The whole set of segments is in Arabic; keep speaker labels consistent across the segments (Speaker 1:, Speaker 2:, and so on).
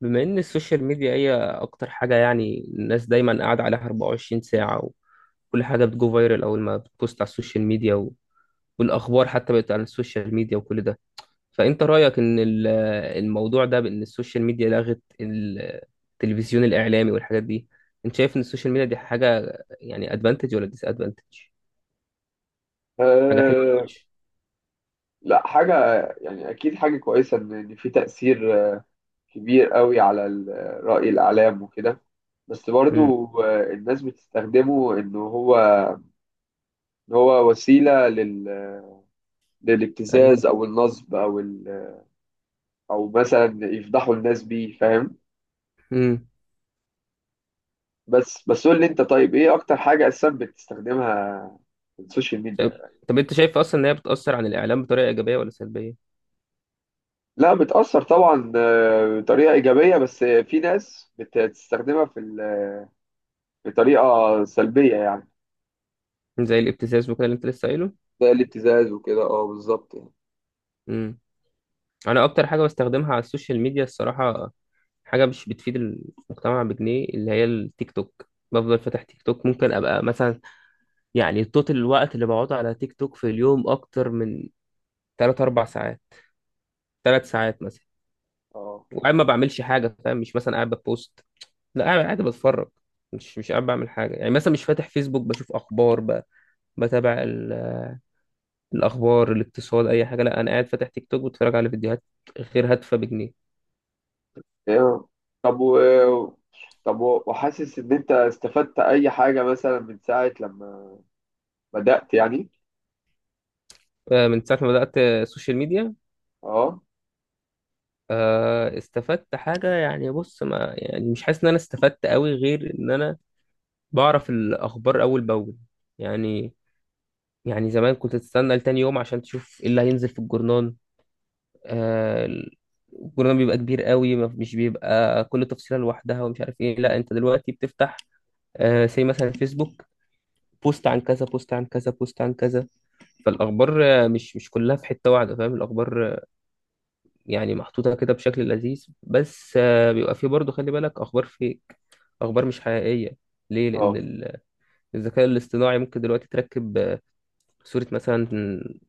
Speaker 1: بما ان السوشيال ميديا هي اكتر حاجه يعني الناس دايما قاعده عليها 24 ساعه، وكل حاجه بتجو فايرال اول ما بتبوست على السوشيال ميديا والاخبار حتى بقت على السوشيال ميديا وكل ده. فانت رايك ان الموضوع ده بان السوشيال ميديا لغت التلفزيون الاعلامي والحاجات دي، انت شايف ان السوشيال ميديا دي حاجه يعني ادفانتج ولا ديس ادفانتج، حاجه حلوه ولا
Speaker 2: أه.
Speaker 1: وحشه؟
Speaker 2: لا، حاجة، يعني أكيد حاجة كويسة، إن في تأثير كبير قوي على رأي الإعلام وكده. بس
Speaker 1: امم.
Speaker 2: برضو الناس بتستخدمه إن هو وسيلة
Speaker 1: ايوه.
Speaker 2: للابتزاز أو النصب أو مثلا يفضحوا الناس بيه، فاهم.
Speaker 1: امم.
Speaker 2: بس قول لي أنت، طيب إيه أكتر حاجة أساسا بتستخدمها في السوشيال
Speaker 1: طب
Speaker 2: ميديا؟
Speaker 1: طب انت شايف اصلا ان هي بتاثر عن الاعلام بطريقه ايجابيه ولا سلبيه؟
Speaker 2: لا، بتأثر طبعا بطريقة إيجابية، بس في ناس بتستخدمها بطريقة سلبية يعني.
Speaker 1: زي الابتزاز وكده اللي انت لسه قايله.
Speaker 2: ده الابتزاز وكده، اه، بالظبط يعني.
Speaker 1: امم. انا اكتر حاجه بستخدمها على السوشيال ميديا الصراحه، حاجه مش بتفيد المجتمع بجنيه، اللي هي التيك توك. بفضل فاتح تيك توك، ممكن ابقى مثلا يعني توتال الوقت اللي بقعده على تيك توك في اليوم اكتر من 3 4 ساعات، 3 ساعات مثلا.
Speaker 2: اه،
Speaker 1: وقاعد ما بعملش حاجه فاهم، مش مثلا قاعد ببوست، لا قاعد بتفرج. مش قاعد بعمل حاجه يعني، مثلا مش فاتح فيسبوك بشوف اخبار، بتابع الاخبار، الاقتصاد، اي حاجه. لا انا قاعد فاتح تيك توك بتفرج على فيديوهات غير هادفه بجنيه.
Speaker 2: ايوه. طب و... وحاسس ان انت استفدت اي حاجه مثلا من ساعه لما بدات يعني.
Speaker 1: من ساعه ما بدات السوشيال ميديا؟
Speaker 2: اه.
Speaker 1: استفدت حاجة يعني، بص، ما يعني مش حاسس ان انا استفدت قوي، غير ان انا بعرف الاخبار اول باول. يعني، يعني زمان كنت تستنى لتاني يوم عشان تشوف ايه اللي هينزل في الجرنان. آه، الجرنان بيبقى كبير قوي، مش بيبقى كل تفصيلة لوحدها ومش عارف ايه. لا انت دلوقتي بتفتح زي مثلا فيسبوك، بوست عن كذا، بوست عن كذا، بوست عن كذا، فالاخبار مش كلها في حتة واحدة، فاهم؟ الاخبار يعني محطوطة كده بشكل لذيذ، بس بيبقى فيه برضه، خلي بالك، أخبار فيك، أخبار مش حقيقية. ليه؟ لأن
Speaker 2: اه،
Speaker 1: الذكاء الاصطناعي ممكن دلوقتي تركب صورة مثلا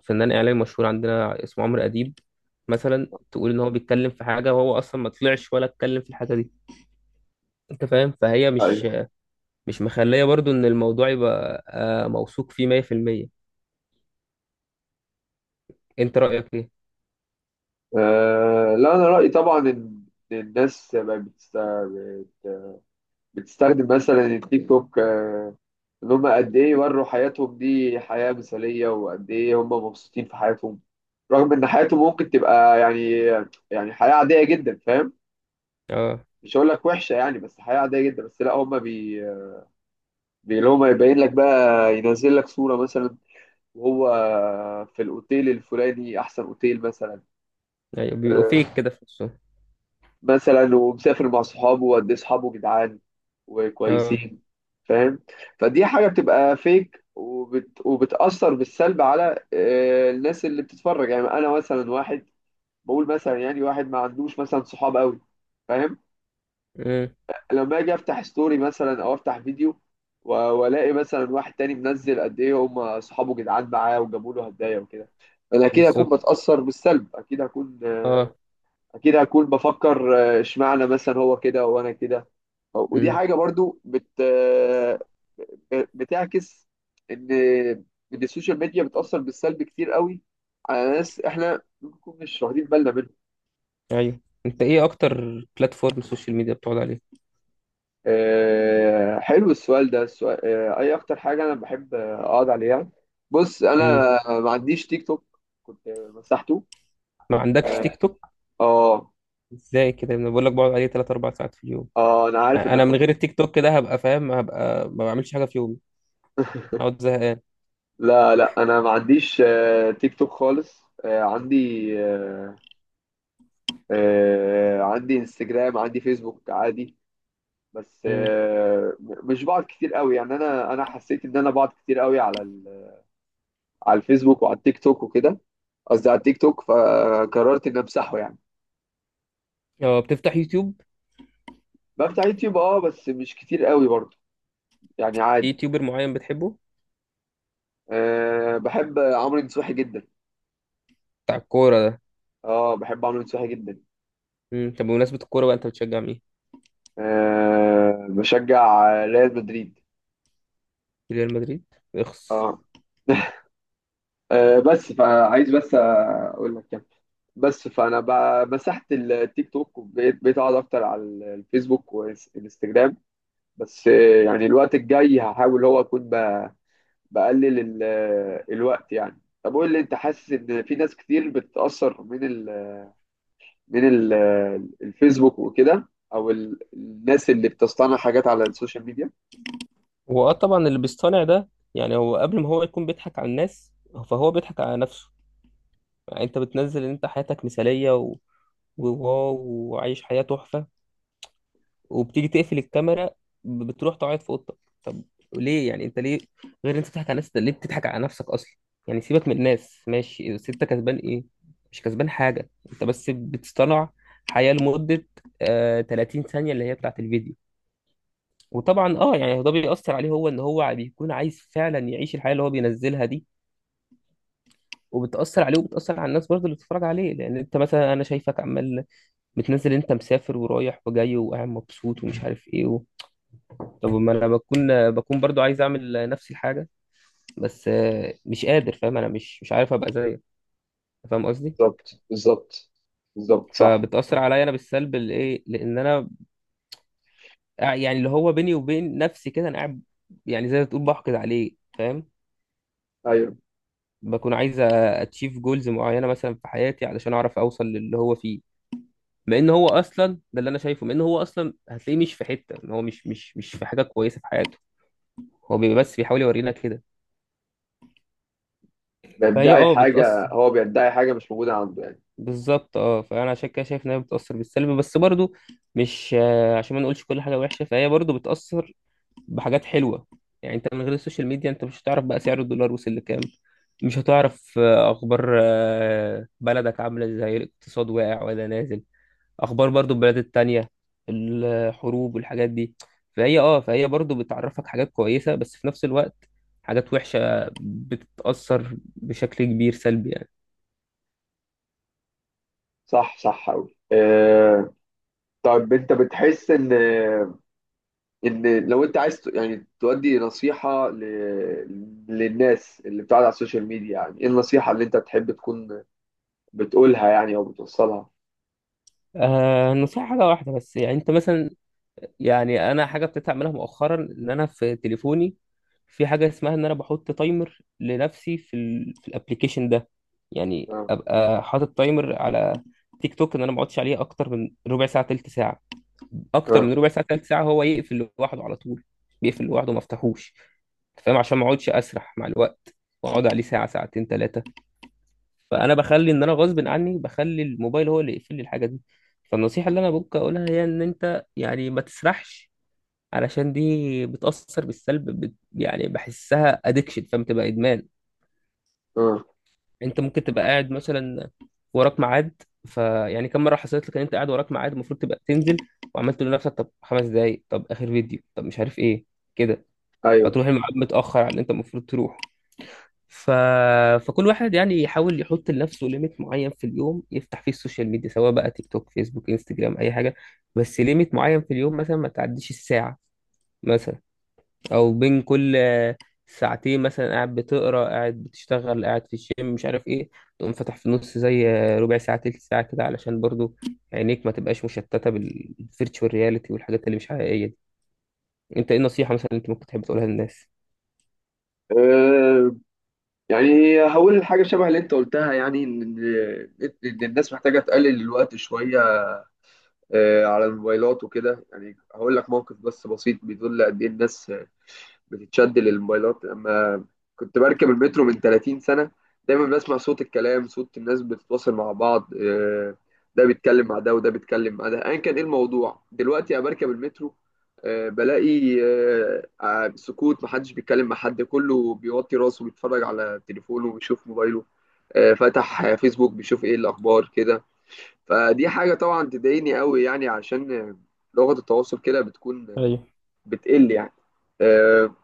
Speaker 1: فنان إعلامي مشهور عندنا اسمه عمرو أديب، مثلا تقول إن هو بيتكلم في حاجة وهو أصلا ما طلعش ولا اتكلم في الحاجة دي. أنت فاهم؟ فهي
Speaker 2: ايوه.
Speaker 1: مش مخلية برضه إن الموضوع يبقى موثوق فيه 100%. أنت رأيك إيه؟
Speaker 2: لا، انا رايي طبعا ان إن الناس بقت بتستخدم مثلا التيك توك، ان هم قد ايه يوروا حياتهم دي حياه مثاليه، وقد ايه هم مبسوطين في حياتهم، رغم ان حياتهم ممكن تبقى يعني، يعني حياه عاديه جدا، فاهم.
Speaker 1: أه.
Speaker 2: مش هقول لك وحشه يعني، بس حياه عاديه جدا، بس لا، هم اللي هم يبين لك بقى، ينزل لك صوره مثلا وهو في الاوتيل الفلاني، احسن اوتيل مثلا.
Speaker 1: أيوة، بيبقوا
Speaker 2: آه،
Speaker 1: فيك كده في نفسهم.
Speaker 2: مثلا، ومسافر مع صحابه، وقد ايه صحابه جدعان
Speaker 1: أه.
Speaker 2: وكويسين، فاهم. فدي حاجه بتبقى فيك، وبتاثر بالسلب على الناس اللي بتتفرج. يعني انا مثلا واحد، بقول مثلا، يعني واحد ما عندوش مثلا صحاب قوي، فاهم.
Speaker 1: أمم.
Speaker 2: لما باجي افتح ستوري مثلا او افتح فيديو والاقي مثلا واحد تاني منزل قد ايه هم اصحابه جدعان معاه وجابوا له هدايا وكده، انا اكيد هكون
Speaker 1: بالظبط.
Speaker 2: بتاثر بالسلب. اكيد هكون،
Speaker 1: أه.
Speaker 2: اكيد هكون بفكر اشمعنى مثلا هو كده وانا كده. ودي
Speaker 1: أمم.
Speaker 2: حاجه برضو بت آه، بتعكس ان ان السوشيال ميديا بتاثر بالسلب كتير قوي على ناس احنا ممكن نكون مش واخدين بالنا منهم.
Speaker 1: ايوه. انت ايه اكتر بلاتفورم سوشيال ميديا بتقعد عليه؟
Speaker 2: حلو السؤال ده، السؤال اي اكتر حاجه انا بحب اقعد عليها. بص، انا
Speaker 1: امم.
Speaker 2: ما عنديش تيك توك، كنت مسحته.
Speaker 1: ما عندكش
Speaker 2: اه.
Speaker 1: تيك توك؟
Speaker 2: اه.
Speaker 1: ازاي كده، انا بقول لك بقعد عليه 3 4 ساعات في اليوم.
Speaker 2: انا عارف
Speaker 1: يعني انا
Speaker 2: انك
Speaker 1: من غير التيك توك كده هبقى، فاهم، هبقى ما بعملش حاجه في يومي، اقعد زهقان.
Speaker 2: لا، لا، انا ما عنديش تيك توك خالص. عندي آه، عندي انستجرام، عندي فيسبوك عادي. بس
Speaker 1: امم.
Speaker 2: مش بقعد كتير قوي يعني. انا حسيت ان انا بقعد كتير قوي على على الفيسبوك وعلى التيك توك وكده، قصدي على التيك توك، فقررت ان امسحه يعني.
Speaker 1: اه بتفتح يوتيوب؟
Speaker 2: بفتح يوتيوب اه، بس مش كتير قوي برضه، يعني
Speaker 1: في
Speaker 2: عادي.
Speaker 1: يوتيوبر معين بتحبه؟
Speaker 2: أه، بحب عمرو نصوحي جدا.
Speaker 1: بتاع الكوره ده؟
Speaker 2: اه، بحب عمرو نصوحي جدا.
Speaker 1: امم. طب بمناسبه الكوره بقى، انت بتشجع مين؟
Speaker 2: أه، بشجع ريال مدريد.
Speaker 1: ريال مدريد؟ اخس.
Speaker 2: اه. أه، بس فعايز بس اقول لك يعني، بس فانا مسحت التيك توك، وبقيت اقعد اكتر على الفيسبوك والانستجرام. بس يعني الوقت الجاي هحاول هو اكون بقلل الوقت يعني. طب قول لي انت، حاسس ان في ناس كتير بتتاثر من الفيسبوك وكده، او الناس اللي بتصطنع حاجات على السوشيال ميديا.
Speaker 1: هو طبعا اللي بيصطنع ده، يعني هو قبل ما هو يكون بيضحك على الناس، فهو بيضحك على نفسه. يعني انت بتنزل ان انت حياتك مثاليه وواو، وعايش حياة تحفة، وبتيجي تقفل الكاميرا، بتروح تقعد في اوضتك. طب ليه؟ يعني انت ليه؟ غير انت بتضحك على الناس، انت ليه بتضحك على نفسك اصلا؟ يعني سيبك من الناس ماشي، بس انت كسبان ايه؟ مش كسبان حاجه، انت بس بتصطنع حياه لمده 30 ثانيه اللي هي بتاعت الفيديو. وطبعا يعني ده بيأثر عليه هو، ان هو بيكون عايز فعلا يعيش الحياه اللي هو بينزلها دي، وبتأثر عليه، وبتأثر على الناس برضه اللي بتتفرج عليه. لأن أنت مثلا، أنا شايفك عمال بتنزل أنت مسافر ورايح وجاي وقاعد مبسوط ومش عارف إيه، طب ما انا بكون برضو عايز اعمل نفس الحاجه، بس مش قادر، فاهم؟ انا مش عارف ابقى زيك، فاهم قصدي؟
Speaker 2: بالظبط، بالظبط، بالظبط، صح.
Speaker 1: فبتاثر عليا انا بالسلب الايه، لان انا يعني اللي هو بيني وبين نفسي كده، انا قاعد يعني زي ما تقول بحقد عليه، فاهم؟
Speaker 2: ايوه،
Speaker 1: بكون عايز اتشيف جولز معينه مثلا في حياتي علشان اعرف اوصل للي هو فيه، مع ان هو اصلا، ده اللي انا شايفه، مع ان هو اصلا هتلاقيه مش في حته، إن هو مش في حاجه كويسه في حياته، هو بيبقى بس بيحاول يورينا كده. فهي
Speaker 2: بيدعي حاجه،
Speaker 1: بتاثر،
Speaker 2: هو بيدعي حاجه مش موجوده عنده يعني.
Speaker 1: بالظبط. اه فانا عشان كده شايف انها بتاثر بالسلب، بس برضو مش عشان ما نقولش كل حاجه وحشه، فهي برضو بتاثر بحاجات حلوه. يعني انت من غير السوشيال ميديا انت مش هتعرف بقى سعر الدولار وصل لكام، مش هتعرف اخبار بلدك عامله ازاي، الاقتصاد واقع ولا نازل، اخبار برضو البلاد التانية، الحروب والحاجات دي. فهي برضو بتعرفك حاجات كويسه، بس في نفس الوقت حاجات وحشه بتتاثر بشكل كبير سلبي يعني.
Speaker 2: صح، صح قوي، آه. طيب، انت بتحس ان لو انت عايز يعني تودي نصيحه للناس اللي بتقعد على السوشيال ميديا، يعني ايه النصيحه اللي انت تحب تكون بتقولها يعني او بتوصلها؟
Speaker 1: النصيحة حاجة واحدة بس. يعني انت مثلا، يعني انا حاجة ابتديت اعملها مؤخرا، ان انا في تليفوني في حاجة اسمها ان انا بحط تايمر لنفسي في ال في الابليكيشن ده. يعني
Speaker 2: اه،
Speaker 1: ابقى حاطط تايمر على تيك توك ان انا ما اقعدش عليه اكتر من ربع ساعة تلت ساعة، اكتر
Speaker 2: اه،
Speaker 1: من ربع ساعة تلت ساعة هو يقفل لوحده على طول. بيقفل لوحده، ما افتحوش. أنت فاهم؟ عشان ما اقعدش اسرح مع الوقت واقعد عليه ساعة ساعتين ثلاثة. فانا بخلي ان انا غصب عني، بخلي الموبايل هو اللي يقفل لي الحاجه دي. فالنصيحه اللي انا ممكن اقولها هي ان انت يعني ما تسرحش، علشان دي بتاثر بالسلب، بت، يعني بحسها ادكشن، فبتبقى ادمان.
Speaker 2: اه،
Speaker 1: انت ممكن تبقى قاعد مثلا وراك ميعاد، فيعني كم مره حصلت لك ان انت قاعد وراك ميعاد المفروض تبقى تنزل، وعملت تقول لنفسك طب 5 دقايق، طب اخر فيديو، طب مش عارف ايه كده،
Speaker 2: ايوه.
Speaker 1: فتروح الميعاد متاخر على اللي انت المفروض تروحه. ف... فكل واحد يعني يحاول يحط لنفسه ليميت معين في اليوم يفتح فيه السوشيال ميديا، سواء بقى تيك توك، فيسبوك، انستجرام، اي حاجه، بس ليميت معين في اليوم، مثلا ما تعديش الساعه مثلا. او بين كل ساعتين مثلا، قاعد بتقرا، قاعد بتشتغل، قاعد في الجيم، مش عارف ايه، تقوم فاتح في النص زي ربع ساعه تلت ساعه كده، علشان برضو عينيك ما تبقاش مشتته بالفيرتشوال رياليتي والحاجات اللي مش حقيقيه دي. انت ايه النصيحه مثلا اللي انت ممكن تحب تقولها للناس؟
Speaker 2: آه، يعني هقول حاجة شبه اللي انت قلتها، يعني ان إن الناس محتاجة تقلل الوقت شوية على الموبايلات وكده. يعني هقول لك موقف بس بسيط بيدل قد ايه الناس بتتشد للموبايلات. لما كنت بركب المترو من 30 سنة، دايما بسمع صوت الكلام، صوت الناس بتتواصل مع بعض، ده بيتكلم مع ده وده بيتكلم مع ده، ايا كان ايه الموضوع. دلوقتي انا بركب المترو، بلاقي سكوت، محدش بيتكلم مع حد، كله بيوطي راسه بيتفرج على تليفونه وبيشوف موبايله، فتح فيسبوك بيشوف ايه الاخبار كده. فدي حاجة طبعا تضايقني قوي، يعني عشان لغة التواصل كده بتكون
Speaker 1: ايوه.
Speaker 2: بتقل يعني آه،